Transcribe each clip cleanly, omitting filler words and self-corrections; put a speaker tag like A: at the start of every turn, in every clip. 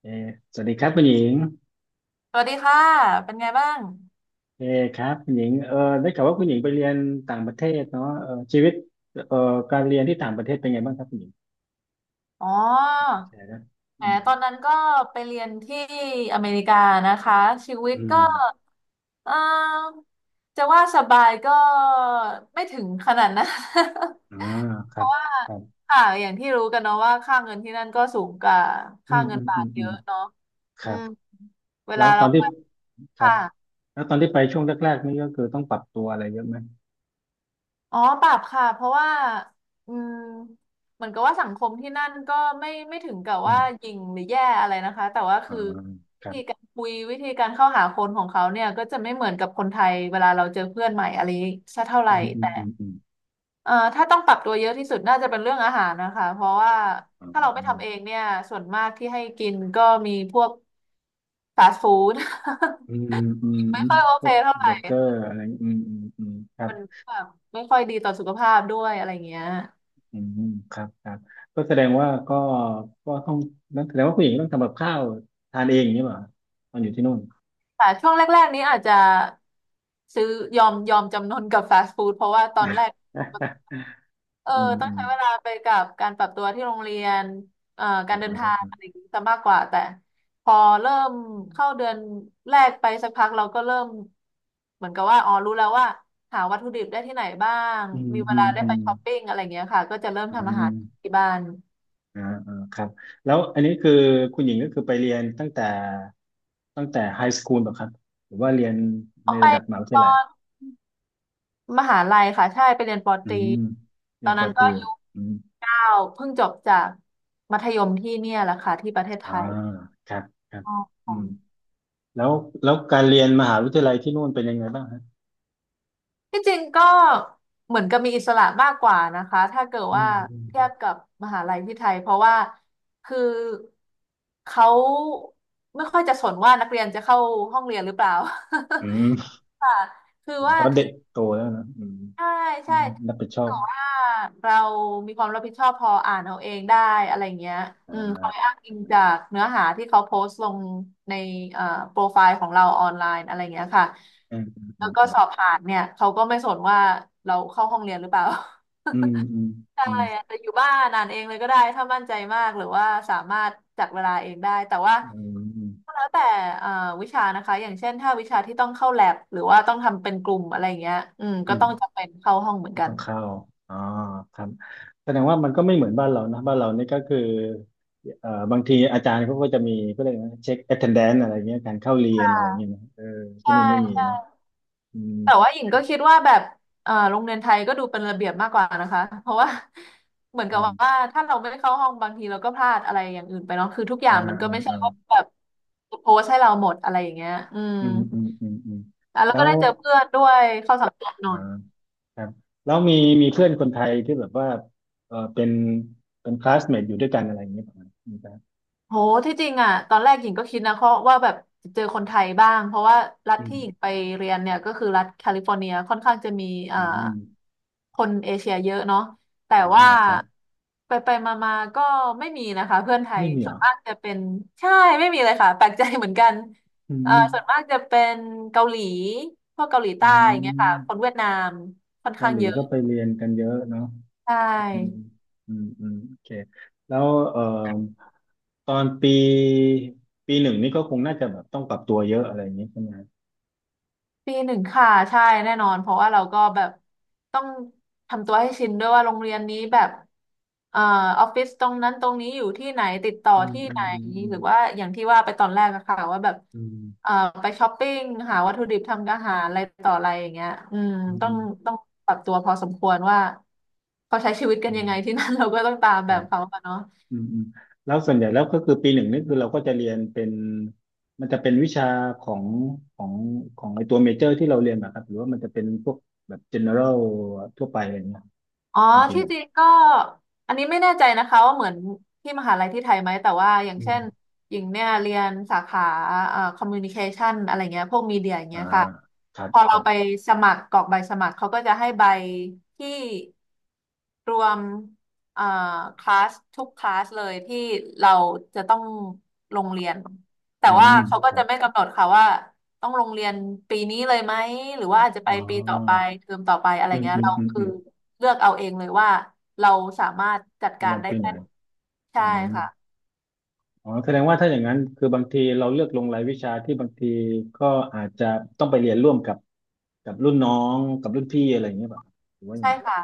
A: เออสวัสดีครับคุณหญิง
B: สวัสดีค่ะเป็นไงบ้าง
A: เออครับคุณหญิงได้ข่าวว่าคุณหญิงไปเรียนต่างประเทศเนาะชีวิตเออการเรียนที่ต่างประเทศเป็นไงบ้างครับคุณหญิง
B: อ๋อ
A: แชร์นะ
B: แหม
A: อืม
B: ตอนนั้นก็ไปเรียนที่อเมริกานะคะ ชีวิต
A: อื
B: ก็
A: ม
B: เออจะว่าสบายก็ไม่ถึงขนาดนะ
A: อา ค
B: เพ
A: รับ
B: ราะว่า
A: ครับ
B: ค่ะอย่างที่รู้กันเนาะว่าค่าเงินที่นั่นก็สูงกว่า
A: อื
B: ค่า
A: ม
B: เงิ
A: อื
B: น
A: ม
B: บา
A: อื
B: ท
A: ม
B: เย
A: อืม
B: อะเนาะ
A: ค
B: อื
A: รับ
B: มเว
A: แล้
B: ลา
A: วต
B: เรา
A: อนที่ครับ
B: ค่ะ
A: แล้วตอนที่ไปช่วงแรกๆนี่ก็คือต้องปรับตัวอะไรเยอะไหม
B: อ๋อปรับค่ะเพราะว่าอืมเหมือนกับว่าสังคมที่นั่นก็ไม่ไม่ถึงกับ
A: อื
B: ว่าห
A: ม
B: ยิ่งหรือแย่อะไรนะคะแต่ว่า
A: อ่า
B: คือ
A: ค
B: วิ
A: รั
B: ธี
A: บ
B: การคุยวิธีการเข้าหาคนของเขาเนี่ยก็จะไม่เหมือนกับคนไทยเวลาเราเจอเพื่อนใหม่อะไรสักเท่าไห
A: อื
B: ร่
A: มอืม
B: แต่
A: อืมอืม
B: ถ้าต้องปรับตัวเยอะที่สุดน่าจะเป็นเรื่องอาหารนะคะเพราะว่า
A: อา
B: ถ้าเราไม่ทำเองเนี่ยส่วนมากที่ให้กินก็มีพวกฟาสต์ฟู้ด
A: อืมอืม
B: ไม่
A: อืม
B: ค่อยโอ
A: พ
B: เค
A: วก
B: เท่าไห
A: เบ
B: ร่
A: อร์เกอร์
B: ค่ะ
A: อะไรอืมอืมอืมครับ
B: มันแบบไม่ค่อยดีต่อสุขภาพด้วยอะไรเงี้ย
A: อืมครับครับก็แสดงว่าก็ต้องนั่นแสดงว่าผู้หญิงต้องทำกับข้าวทานเองอย่างนี้เหรอตอนอยู่ที่นู่น
B: แต่ช่วงแรกๆนี้อาจจะซื้อยอมจำนนกับฟาสต์ฟู้ดเพราะว่าตอนแรก เออ
A: อืม
B: ต้อ
A: อื
B: ง
A: ม
B: ใช้เวลาไปกับการปรับตัวที่โรงเรียน
A: อ๋
B: การเดินทาง
A: อ
B: อะไรอย่างนี้ซะมากกว่าแต่พอเริ่มเข้าเดือนแรกไปสักพักเราก็เริ่มเหมือนกับว่าอ๋อรู้แล้วว่าหาวัตถุดิบได้ที่ไหนบ้าง
A: อืม
B: มีเว
A: อื
B: ลา
A: ม
B: ได้
A: อื
B: ไป
A: ม
B: ช้อปปิ้งอะไรอย่างเงี้ยค่ะก็จะเริ่ม
A: อื
B: ทำอา
A: ม
B: หารที่บ้าน
A: อ่าอ่าครับแล้วอันนี้คือคุณหญิงก็คือไปเรียนตั้งแต่ตั้งแต่ไฮสคูลป่ะครับหรือว่าเรียน
B: อ
A: ใน
B: อกไป
A: ระดับมหาวิท
B: ตอ
A: ยาลัย
B: น มหาลัยค่ะใช่ไปเรียนปอ
A: อื
B: ตรี
A: ม
B: ต
A: เรี
B: อ
A: ยน
B: น
A: ปอ
B: นั้น
A: ต
B: ก็
A: รี
B: อายุ
A: อืม
B: 9เพิ่งจบจากมัธยมที่เนี่ยแหละค่ะที่ประเทศไท
A: อ่า
B: ย
A: ครับครับ
B: อ๋อ
A: อืมแล้วการเรียนมหาวิทยาลัยที่นู่นเป็นยังไงบ้างฮะ
B: ที่จริงก็เหมือนกับมีอิสระมากกว่านะคะถ้าเกิด
A: อื
B: ว่าเทียบ
A: ม
B: กับมหาลัยที่ไทยเพราะว่าคือเขาไม่ค่อยจะสนว่านักเรียนจะเข้าห้องเรียนหรือเปล่า
A: อืม
B: ค่ะคือ
A: เพ
B: ว่า
A: ราะเด็
B: ถึ
A: ก
B: ง
A: โตแล้วนะอืม
B: ใช่
A: อื
B: ใช่
A: มรับผิดชอ
B: แต่
A: บ
B: ว่าเรามีความรับผิดชอบพออ่านเอาเองได้อะไรเงี้ย
A: อ่
B: อืมคอย
A: า
B: อ้างอิงจากเนื้อหาที่เขาโพสต์ลงในเอ่อโปรไฟล์ของเราออนไลน์อะไรเงี้ยค่ะ
A: อืมอื
B: แล้
A: ม
B: วก็
A: อืม
B: สอบผ่านเนี่ยเขาก็ไม่สนว่าเราเข้าห้องเรียนหรือเปล่า
A: อืมอืม
B: ใช่อาจจะอยู่บ้านอ่านเองเลยก็ได้ถ้ามั่นใจมากหรือว่าสามารถจัดเวลาเองได้แต่ว่า
A: อืมอืม
B: ก็แล้วแต่เอ่อวิชานะคะอย่างเช่นถ้าวิชาที่ต้องเข้าแลบหรือว่าต้องทำเป็นกลุ่มอะไรอย่างเงี้ยอืม
A: อื
B: ก็
A: ม
B: ต้องจำเป็นเข้าห้องเหมือน
A: ก็
B: กั
A: ต้อ
B: น
A: งเข้าอ๋อครับแสดงว่ามันก็ไม่เหมือนบ้านเรานะบ้านเรานี่ก็คือบางทีอาจารย์เขาก็จะมีก็เลยกนะเช็ค attendance อะไรเงี้ยการเข้าเรี
B: ใช
A: ยนอะไร
B: ่
A: เงี้ยนะที่
B: ใช่
A: นู่นไม่มีเนาะอืม
B: แต่ว่าหญิงก็คิดว่าแบบโรงเรียนไทยก็ดูเป็นระเบียบมากกว่านะคะเพราะว่า เหมือนกั
A: อื
B: บว่า
A: ม
B: ถ้าเราไม่เข้าห้องบางทีเราก็พลาดอะไรอย่างอื่นไปเนาะคือทุกอ
A: อ่า
B: ย่างมันก็
A: อ่า
B: ไม่ใช่
A: อ่า
B: ว่าแบบโพสให้เราหมดอะไรอย่างเงี้ยอืม
A: อืมอืมอืมอืม
B: อ่ะแล้ว
A: แล้
B: ก็
A: ว
B: ได้เจอเพื่อนด้วยเข้าสังคมหน่
A: อ่า
B: อย
A: ครับแล้วมีมีเพื่อนคนไทยที่แบบว่าเป็นคลาสเมทอยู่ด้วยกันอะไรอย่างเงี้ยประมาณนี้ครับ
B: โหที่จริงอ่ะตอนแรกหญิงก็คิดนะเพราะว่าแบบเจอคนไทยบ้างเพราะว่ารัฐ
A: อืม
B: ที่หญิงไปเรียนเนี่ยก็คือรัฐแคลิฟอร์เนียค่อนข้างจะมีอ่า
A: อืม
B: คนเอเชียเยอะเนาะแต่
A: อ่า
B: ว่า
A: ครับ
B: ไปไปมามาๆก็ไม่มีนะคะเพื่อนไทย
A: ไม่มี
B: ส่
A: เหร
B: วน
A: อ
B: มากจะเป็นใช่ไม่มีเลยค่ะแปลกใจเหมือนกัน
A: อืม
B: ส่วนมากจะเป็นเกาหลีพวกเกาหลี
A: อ๋
B: ใต้อย่างเงี้ยค่ะ
A: อ
B: คนเวียดนามค่อน
A: เกา
B: ข้าง
A: หลี
B: เยอะ
A: ก็ไปเรียนกันเยอะเนาะ
B: ใช
A: อืม
B: ่
A: อืมอืมโอเคแล้วตอนปีหนึ่งนี่ก็คงน่าจะแบบต้องปรับตัวเยอะอะไรอย่างเงี้ยใช่ไหม
B: ปีหนึ่งค่ะใช่แน่นอนเพราะว่าเราก็แบบต้องทำตัวให้ชินด้วยว่าโรงเรียนนี้แบบเอ่อออฟฟิศตรงนั้นตรงนี้อยู่ที่ไหนติดต่อ
A: อืม
B: ที่
A: อื
B: ไหน
A: มอืม
B: หรือว่าอย่างที่ว่าไปตอนแรกอะค่ะว่าแบบ
A: อืม
B: เอ่อไปช้อปปิ้งหาวัตถุดิบทำอาหารอะไรต่ออะไรอย่างเงี้ยอืม
A: อืม
B: ต้
A: อืม
B: อ
A: อื
B: ง
A: ม
B: ต้องปรับตัวพอสมควรว่าเขาใช้ชีวิตกัน
A: อื
B: ยังไงที่
A: ม
B: นั่น เราก็ต้องตาม
A: ค
B: แบ
A: รั
B: บ
A: บ
B: เขาอะเนาะ
A: อืมอืมแล้วส่วนใหญ่แล้วก็คือปีหนึ่งนี่คือเราก็จะเรียนเป็นมันจะเป็นวิชาของของไอตัวเมเจอร์ที่เราเรียนมาครับหรือว่ามันจะเป็นพวกแบบ general ทั่วไปอะไรเงี้ย
B: อ๋อ
A: ตอนปีห
B: ที่
A: นึ่ง
B: จริงก็อันนี้ไม่แน่ใจนะคะว่าเหมือนที่มหาลัยที่ไทยไหมแต่ว่าอย่าง
A: อื
B: เช่
A: ม
B: นหญิงเนี่ยเรียนสาขาคอมมิวนิเคชันอะไรเงี้ยพวกมีเดียอย่าง
A: อ่า
B: เงี้ยค่ะ
A: ครับ
B: พอ
A: ค
B: เรา
A: รั
B: ไป
A: บ
B: สมัครกรอกใบสมัครเขาก็จะให้ใบที่รวมเอ่อคลาสทุกคลาสเลยที่เราจะต้องลงเรียนแต่
A: อื
B: ว่า
A: ม
B: เขา
A: ค
B: ก็
A: รับ
B: จะไม่กำหนดค่ะว่าต้องลงเรียนปีนี้เลยไหมหรือว่าอาจจะ
A: อ๋
B: ไปปีต่อไป
A: อ
B: เทอมต่อไปอะไร
A: อืม
B: เงี้ย
A: อืม
B: เรา
A: อืม
B: คื
A: อื
B: อ
A: ม
B: เลือกเอาเองเลยว่าเราสามารถจัด
A: จะ
B: กา
A: ล
B: ร
A: ง
B: ได้
A: ปีไห
B: แค่
A: น
B: ไหนใช่
A: อืม
B: ค่ะ
A: อ๋อแสดงว่าถ้าอย่างนั้นคือบางทีเราเลือกลงรายวิชาที่บางทีก็อาจจะต้องไปเรียนร่วมกับรุ่นน้องกับรุ่นพี่อะไรอย่างเงี้ยป่ะหรือว่ายัง
B: ใช่
A: ไง
B: ค่ะ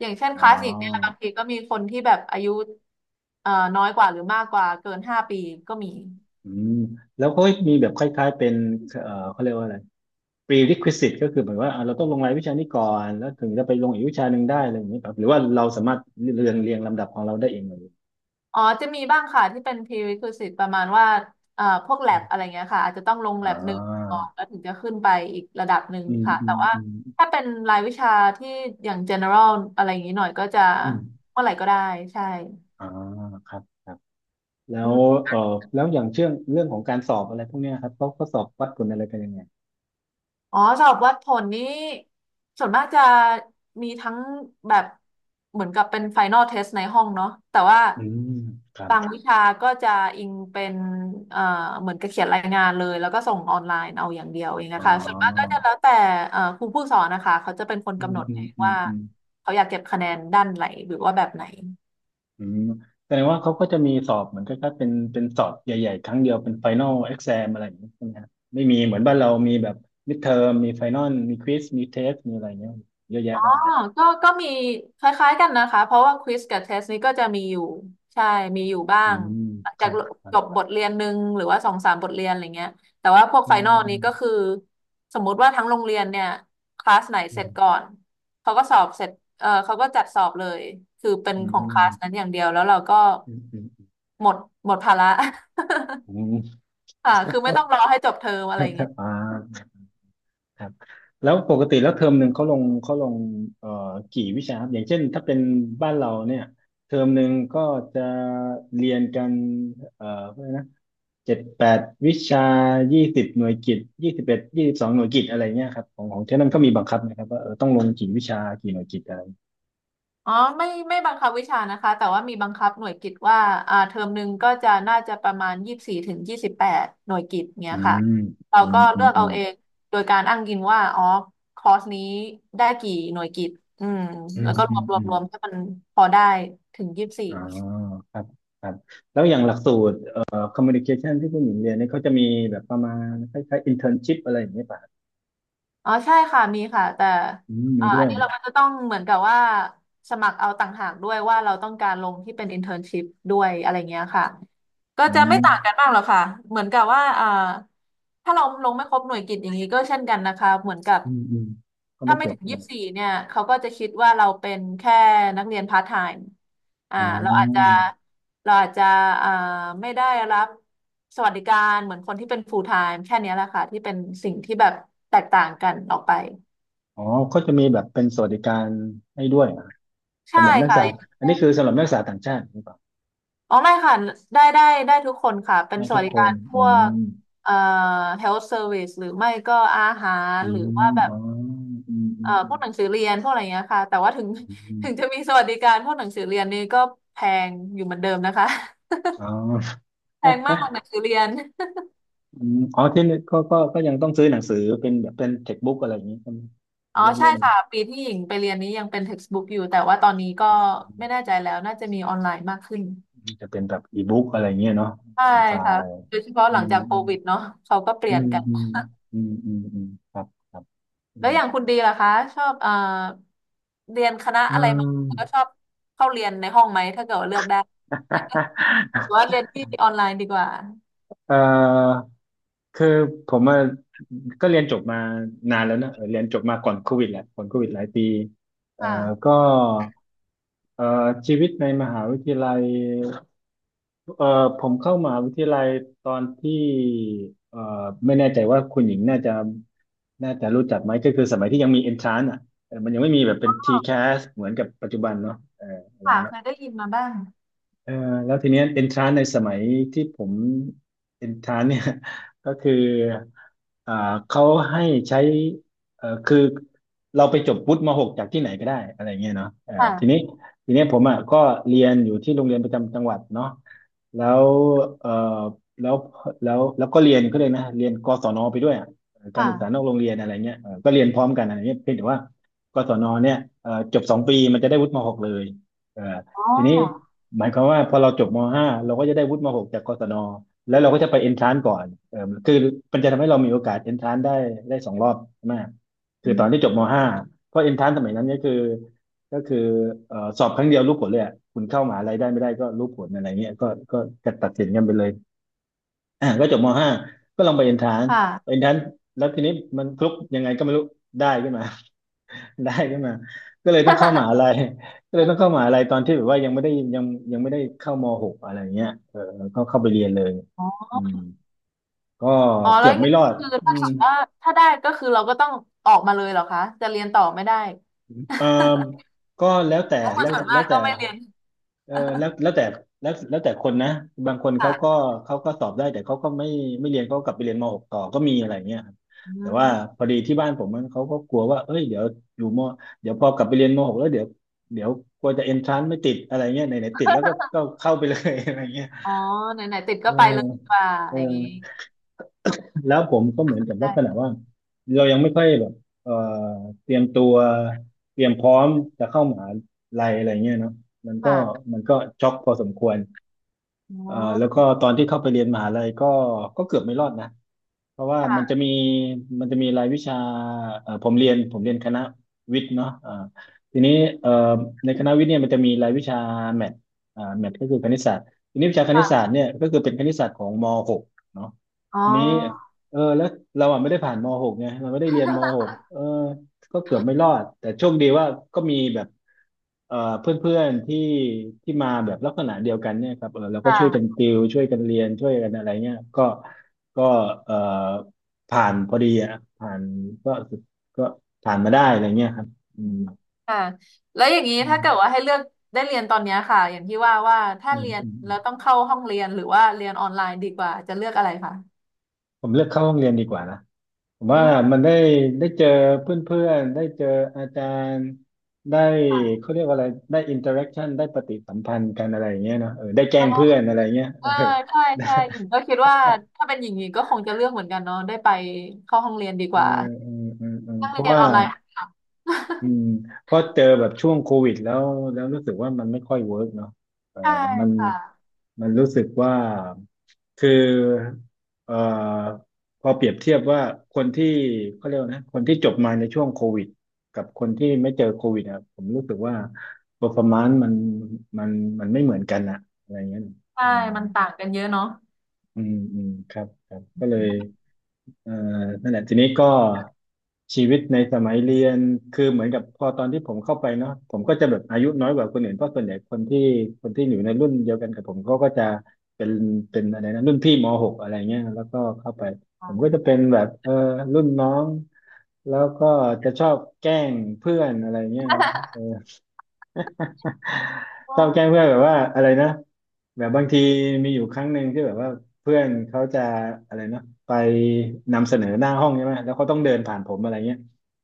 B: อย่างเช่น
A: อ๋
B: คลาสสิกเนี่ยบา
A: อ
B: งทีก็มีคนที่แบบอายุเอ่อน้อยกว่าหรือมากกว่าเกิน5 ปีก็มี
A: อืมแล้วเขามีแบบคล้ายๆเป็นเขาเรียกว่าอะไร prerequisite ก็คือเหมือนว่าอ่ะเราต้องลงรายวิชานี้ก่อนแล้วถึงจะไปลงอีกวิชาหนึ่งได้อะไรอย่างนี้ครับหรือว่าเราสามารถเรียงลำดับของเราได้เองเลย
B: อ๋อจะมีบ้างค่ะที่เป็น prerequisite ประมาณว่าพวกแ a
A: อื
B: บ
A: ม
B: อะไรเงี้ยค่ะอาจจะต้องลง
A: อ่
B: แ a บหนึ่งก่
A: า
B: อนแล้วถึงจะขึ้นไปอีกระดับหนึ่ง
A: อืม
B: ค่ะ
A: อื
B: แต่
A: ม
B: ว่า
A: อืม
B: ถ้าเป็นรายวิชาที่อย่าง general อะไรอย่างนี้หน่อยก็จะ
A: อืม
B: เมื่อไหร่ก็ได้ใช่
A: อ่าครับครับแล้
B: อื
A: วเอ่ออย่างเชื่องเรื่องของการสอบอะไรพวกเนี้ยครับเขาสอบวัดผลอะไรกันยังไง
B: อ๋อสอบวัดผลนี้ส่วนมากจะมีทั้งแบบเหมือนกับเป็นไฟน l ลเทสในห้องเนาะแต่ว่า
A: อืมครับ
B: บางวิชาก็จะอิงเป็นเอ่อเหมือนกับเขียนรายงานเลยแล้วก็ส่งออนไลน์เอาอย่างเดียวเอง
A: อ๋
B: นะ
A: อ
B: คะส่วนมากก็จะแล้วแต่ครูผู้สอนนะคะเขาจะเป็นคน
A: อื
B: กำ
A: ม
B: หนด
A: อื
B: เอ
A: ม
B: ง
A: อืม
B: ว่า
A: อืม
B: เขาอยากเก็บคะแนนด้านไหนหรือว่าแบบไหน
A: อืมแสดงว่าเขาก็จะมีสอบเหมือนกับเป็นสอบใหญ่ๆครั้งเดียวเป็นไฟนอลเอ็กซมอะไรอย่างนี้ใช่ไหมครับไม่มีเหมือนบ้านเรามีแบบมิดเทอมมีไฟนอลมีควิสมีเทสมีอะไรเงี้ยเยอะแยะ
B: อ๋อ
A: มากมาย
B: ก็มีคล้ายๆกันนะคะ เพราะว่าควิสกับเทสนี้ก็จะมีอยู่ใช่มีอยู่บ้า
A: อื
B: ง
A: ม
B: หลัง
A: ค
B: จา
A: รั
B: ก
A: บครั
B: จบ
A: บ
B: บทเรียนหนึ่งหรือว่าสองสามบทเรียนอะไรเงี้ยแต่ว่าพวก
A: อื
B: ไฟนอลนี้ก็คือ
A: ม
B: สมมุติว่าทั้งโรงเรียนเนี่ยคลาสไหน
A: อื
B: เสร็จ
A: ม
B: ก่อนเขาก็สอบเสร็จเออเขาก็จัดสอบเลยคือเป็น
A: อื
B: ของคลาสนั้น
A: ม
B: อย่างเดียวแล้วเราก็
A: อืมอืม
B: หมดหมดภาระ
A: อืม
B: คือไม่ต้อ
A: ก็
B: งรอให้จบเทอมอะ
A: จ
B: ไร
A: ะ
B: เงี้ย
A: อ่าครับแล้วปกติแล้วเทอมหนึ่งเขาลงเอ่อกี่วิชาครับอย่างเช่นถ้าเป็นบ้านเราเนี่ยเทอมหนึ่งก็จะเรียนกันเอ่อ เจ็ดแปดวิชา20 หน่วยกิต2122 หน่วยกิตอะไรเงี้ยครับของของเท่านั้นก็มีบังคับนะครับว่าต้องลงกี่วิชากี่หน่วยกิตอะไร
B: อ๋อไม่บังคับวิชานะคะแต่ว่ามีบังคับหน่วยกิตว่าเทอมหนึ่งก็จะน่าจะประมาณยี่สิบสี่ถึง28หน่วยกิตเนี้
A: อื
B: ยค่ะ
A: ม
B: เรา
A: อื
B: ก็
A: มอื
B: เลื
A: ม
B: อก
A: อื
B: เอา
A: ม
B: เองโดยการอ้างอิงว่าอ๋อคอร์สนี้ได้กี่หน่วยกิตอืม
A: อื
B: แล้
A: ม
B: วก็ร
A: อื
B: ว
A: ม
B: มรว
A: อื
B: ม
A: ม
B: รวมให้มันพอได้ถึงยี่สิบสี่
A: อ๋อครับครับแล้วอย่างหลักสูตรคอมมูนิเคชันที่ผู้หญิงเรียนเนี่ยเขาจะมีแบบประมาณคล้ายๆอินเทอร์นชิพอะไรอย่างเงี้ยป่ะ
B: อ๋อใช่ค่ะมีค่ะแต่
A: อืมมีด้
B: อั
A: ว
B: น
A: ย
B: นี้เราก็จะต้องเหมือนกับว่าสมัครเอาต่างหากด้วยว่าเราต้องการลงที่เป็น internship ด้วยอะไรเงี้ยค่ะ ก็
A: อื
B: จะไม่ต่างกัน
A: ม
B: มากหรอกค่ะเหมือนกับว่าถ้าเราลงไม่ครบหน่วยกิตอย่างนี้ก็เช่นกันนะคะเหมือนกับ
A: อืมอืมก็
B: ถ้า
A: ไม่
B: ไม่
A: จบ
B: ถึงยี่สิบสี่เนี่ยเขาก็จะคิดว่าเราเป็นแค่นักเรียนพาร์ทไทม์อ่า
A: อ๋
B: เราอาจจะ
A: อ
B: เราอาจจะอ่าไม่ได้รับสวัสดิการเหมือนคนที่เป็นฟูลไทม์แค่เนี้ยแหละค่ะที่เป็นสิ่งที่แบบแตกต่างกันออกไป
A: อ๋อเขาจะมีแบบเป็นสวัสดิการให้ด้วยเหรอครับ
B: ใช่
A: สำหรับนักศึ
B: ค่
A: กษาอันนี้
B: ะ
A: คือสำหรับนักศึกษาต่างชาติหรือเปล่า
B: อ๋อไม่ค่ะได้ได้ได้ทุกคนค่ะเป็น
A: ได้
B: ส
A: ทุ
B: วั
A: ก
B: สดิ
A: ค
B: กา
A: น
B: รพ
A: อื
B: วก
A: ม
B: เอ่อ health service หรือไม่ก็อาหาร
A: อื
B: หรือว่า
A: ม
B: แบบ
A: อ๋ออืมอืมอื
B: พว
A: ม
B: กหนังสือเรียนพวกอะไรเงี้ยค่ะแต่ว่าถึง
A: อื ม
B: ถึงจะมีสวัสดิการพวกหนังสือเรียนนี่ก็แพงอยู่เหมือนเดิมนะคะ
A: อ๋อ
B: แพงมากหนั งสือเรียน
A: อืมอ๋อที่นี่ก็ยังต้องซื้อหนังสือเป็นแบบเป็นเท็กบุ๊กอะไรอย่างนี้ใช่ไหม เป็
B: อ๋
A: น
B: อ
A: เล่ม
B: ใช่
A: เล่ม
B: ค่ะปีที่หญิงไปเรียนนี้ยังเป็น textbook อยู่แต่ว่าตอนนี้ก็
A: อื
B: ไม่แน่
A: ม
B: ใจแล้วน่าจะมีออนไลน์มากขึ้น
A: จะเป็นแบบอีบุ๊กอะไรอย่างเงี้ยเนาะ
B: ใช่
A: เป็นไฟ
B: ค่ะ
A: ล์
B: โดยเฉพาะ
A: อื
B: หลัง
A: ม
B: จากโค
A: อืม
B: วิดเนาะเขาก็เป
A: อื
B: ลี่ยน
A: ม
B: กัน
A: อืมอืมอืมอืมครับครับอื
B: แล้ว
A: ม
B: อย่างคุณดีล่ะคะชอบเรียนคณะ
A: อื
B: อะไรมา
A: ม
B: แล้วก็ชอบเข้าเรียนในห้องไหมถ้าเกิดว่าเลือกได้หรือว่า เรียนที่ออนไลน์ดีกว่า
A: เอ่อคือผมอะก็เรียนจบมานานแล้วนะเออเรียนจบมาก่อนโควิดแหละก่อนโควิดหลายปีเอ่อ
B: ค่ะ
A: ก็เอ่อชีวิตในมหาวิทยาลัยเอ่อผมเข้ามหาวิทยาลัยตอนที่เอ่อไม่แน่ใจว่าคุณหญิงน่าจะน่าจะรู้จักไหมก็คือสมัยที่ยังมี entrance อ่ะเออมันยังไม่มีแบบเป็น TCAS เหมือนกับปัจจุบันเนาะเอออะไร
B: ค่ะ
A: เงี้ย
B: เคยได้ยินมาบ้าง
A: เออแล้วทีเนี้ยเอนทรานในสมัยที่ผมเอนทรานเนี่ย ก็คืออ่าเขาให้ใช้เออคือเราไปจบวุฒิมหกจากที่ไหนก็ได้อะไรเงี้ยเนาะเออทีนี้
B: ค่ะ
A: ทีเนี้ยผมอ่ะก็เรียนอยู่ที่โรงเรียนประจำจังหวัดเนาะแล้วเออแล้วแล้วแล้วก็เรียนก็เลยกนะเรียนกศนไปด้วยอะ
B: ค
A: การศึกษานอก
B: ่ะ
A: โรงเรียนอะไรเงี้ยเออก็เรียนพร้อมกันอะไรเงี้ยเพียงแต่ว่ากศนเนี่ยเออจบ2 ปีมันจะได้วุฒิมหกเลยเออ
B: อ๋อ
A: ทีนี้ หมายความว่าพอเราจบม .5 เราก็จะได้วุฒิม .6 จากกศนแล้วเราก็จะไปเอนทรานก่อนเออคือมันจะทำให้เรามีโอกาสเอนทรานได้ได้2 รอบมากคื
B: อื
A: อตอนที่จ
B: ม
A: บม .5 เพราะเอนทรานสมัยนั้นก็คือก็คือสอบครั้งเดียวรู้ผลเลยอะคุณเข้ามหาลัยได้ไม่ได้ก็รู้ผลอะไรเงี้ยก็ก็กะตัดสินกันไปเลยอ่ะก็จบม .5 ก็ลองไปเอนทรานเอ
B: ค่ะ
A: นทรานแล้วทีนี้มันคลุกยังไงก็ไม่รู้ได้ขึ้นมา ได้ขึ้นมาก็เลยต้องเข้ามหาลัย ก็เลยต้องเข้าม หาลัยตอนที่แบบว่ายังไม่ได้ยังไม่ได้เข้ามหกอะไรเงี้ยเออก็เข้าไปเรียนเลย
B: อ๋อ
A: อืมก็
B: อ๋อแล้
A: เกื
B: ว
A: อ
B: อ
A: บ
B: ย่าง
A: ไม่
B: นี้
A: รอด
B: คือ
A: อื
B: ถ้าเกิ
A: ม
B: ดว่าถ้าได้ก็คือเราก็ต้องออกมาเลยเหรอคะจะเรียนต่อไม่ได้
A: เออก็แล้วแต่
B: เพราะค
A: แล้
B: น
A: ว
B: ส่วน
A: แล้
B: มาก
A: วแต่
B: ก็ไม่เรียน
A: เออแล้วแต่แล้วแต่คนนะบางคน เขา
B: ค่ะ
A: ก็สอบได้แต่เขาก็ไม่เรียนเขาก็กลับไปเรียนมหกต่อก็มีอะไรเงี้ยครับ
B: อื
A: แต่ว่าพ
B: ม
A: อดีที่บ้านผมมันเขาก็กลัวว่าเอ้ยเดี๋ยวอยู่มเดี๋ยวพอกลับไปเรียนมหกแล้วเดี๋ยวเดี๋ยวกลัวจะเอนทรานไม่ติดอะไรเงี้ยไหนไหนติดแล้วก็เข้าไปเลย อะไรเงี้ย
B: อ๋อไหนๆติด
A: เอ
B: ก็
A: อ
B: ไปเลยดีกว่า
A: เออ
B: อย่างนี้
A: แล้วผมก็เหมือนกับลักษณะ
B: ได้
A: ว่าเรายังไม่ค่อยแบบเอ่อเตรียมตัวเตรียมพร้อมจะเข้ามหาลัยอะไรเงี้ยเนาะมันก็
B: ค่ะ
A: มันก็ช็อกพอสมควร
B: อ๋อ
A: แล้วก็ตอนที่เข้าไปเรียนมหาลัยก็เกือบไม่รอดนะเพราะว่ามันจะมี
B: ค่ะ
A: รายวิชาผมเรียนคณะวิทย์เนาะอ่าทีนี้เอ่อในคณะวิทย์เนี่ยมันจะมีรายวิชาแมทอ่าแมทก็คือคณิตศาสตร์ทีนี้วิชาคณิต
B: ค่ะ
A: ศาสตร์เนี่ยก็คือเป็นคณิตศาสตร์ของม .6 เนาะ
B: อ๋
A: ทีนี้
B: อ
A: เออแล้วเราอ่ะไม่ได้ผ่านม .6 ไงเราไม่ได้เรียนม .6 เออ ก็เกือบไม่รอดแต่โชคดีว่าก็มีแบบเพื่อนๆที่มาแบบลักษณะเดียวกันเนี่ยครับเออเรา
B: ค
A: ก็ช่วยกัน
B: ่ะ
A: ติวช่วยกันเรียนช่วยกันอะไรเงี้ยก็ก็เอ่อผ่านพอดีอะผ่านก็ก็ผ่านมาได้อะไรเงี้ยครับอื
B: อื
A: ม
B: มค่ะแล้วอย่างนี้
A: อื
B: ถ้าเกิด
A: ม
B: ว่าให้เลือกได้เรียนตอนเนี้ยค่ะอย่างที่ว่าว่าถ้า
A: อืม
B: เรียน
A: อืม
B: แล้วต้องเข้าห้องเรียนหรือว่าเรียนออนไลน์ดีกว่าจะเลือกอะไรคะ
A: ผมเลือกเข้าห้องเรียนดีกว่านะ ผม
B: อื
A: ว่ามั
B: ม
A: นได้ได้เจอเพื่อนๆได้เจออาจารย์ได้
B: ค่ะ
A: เขาเรียกว่าอะไรได้อินเตอร์แอคชั่นได้ปฏิสัมพันธ์กันอะไรอย่างเงี้ยเนาะเออได้แกล้
B: เน
A: ง
B: อะ
A: เพื่อนอะไรเงี้ย
B: เอ
A: เอ
B: อ
A: อ
B: ใช่ใช่
A: ้
B: หญิงก็คิดว่าถ้าเป็นอย่างนี้ก็คงจะเลือกเหมือนกันเนาะได้ไปเข้าห้องเรียนดี ก
A: เอ
B: ว่า
A: อ
B: นั่ง
A: เพราะ
B: เรียน
A: ว่า
B: ออนไลน์ ค่ะ
A: อืมเพราะเจอแบบช่วงโควิดแล้วรู้สึกว่ามันไม่ค่อยเวิร์กเนาะเออ
B: ใช่
A: มัน
B: ค่ะ
A: รู้สึกว่าคือเออพอเปรียบเทียบว่าคนที่เขาเรียกว่านะคนที่จบมาในช่วงโควิดกับคนที่ไม่เจอโควิดอะผมรู้สึกว่า performance มันมันไม่เหมือนกันอะอะไรเงี้ย
B: ใช่
A: อืม
B: มันต่างกันเยอะเนาะ
A: อืมอืมครับครับก็เลยเอ่อนั่นแหละทีนี้ก็ชีวิตในสมัยเรียนคือเหมือนกับพอตอนที่ผมเข้าไปเนาะผมก็จะแบบอายุน้อยกว่าคนอื่นเพราะส่วนใหญ่คนที่อยู่ในรุ่นเดียวกันกับผมเขาก็จะเป็นอะไรนะรุ่นพี่มหกอะไรเงี้ยแล้วก็เข้าไปผ
B: อ๋
A: มก็จะเป็นแบบเออนน้องแล้วก็จะชอบแกล้งเพื่อนอะไรเงี้ยนะ ชอบแกล้ง
B: อ
A: เพื่อนแบบว่าอะไรนะแบบบางทีมีอยู่ครั้งหนึ่งที่แบบว่าเพื่อนเขาจะอะไรนะไปนำเสนอหน้าห้องใช่ไหมแล้วเขาต้องเดินผ่านผมอะไรเงี้ย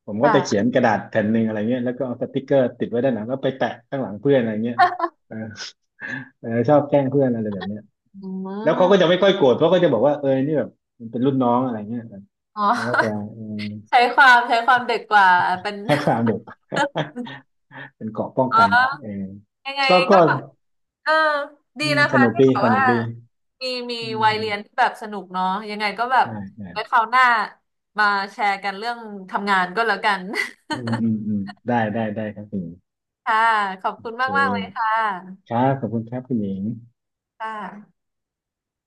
A: ผมก็
B: ค่ะ
A: จะเขียนกระดาษแผ่นหนึ่งอะไรเงี้ยแล้วก็เอาสติกเกอร์ติดไว้ด้านหลังแล้วไปแปะข้างหลังเพื่อนอะไรเงี้ย เออชอบแกล้งเพื่อนอะไรแบบเนี้ย
B: อื
A: แล้วเขาก็จะ
B: ม
A: ไม่ค่อยโกรธเพราะเขาก็จะบอกว่าเออนี่แบบมันเป็นรุ่นน้องอะไรเงี้ย
B: อ๋อ
A: เขาก็จะเออ
B: ใช้ความเด็กกว่าเป็น
A: ให้ความเด็ก เป็นเกราะป้อง
B: อ๋
A: กัน
B: อ
A: เออ
B: ยังไง
A: ก็
B: ก็เออดี
A: อืม
B: นะ
A: ส
B: คะ
A: นุก
B: ที่
A: ดี
B: แบบ
A: สนุ
B: ว่า
A: กดี
B: มี
A: อื
B: วัยเรียน
A: ม
B: ที่แบบสนุกเนาะยังไงก็แบบ
A: ใช่ใช่
B: ไว้คราวหน้ามาแชร์กันเรื่องทำงานก็แล้วกัน
A: อืมอืมอืมได้ได้ได้ครับคุณหญิง
B: ค่ะ ขอบ
A: โอ
B: คุณ
A: เ
B: มากๆเลย
A: ค
B: ค่ะ
A: ครับขอบคุณครับคุณหญิง
B: ค่ะ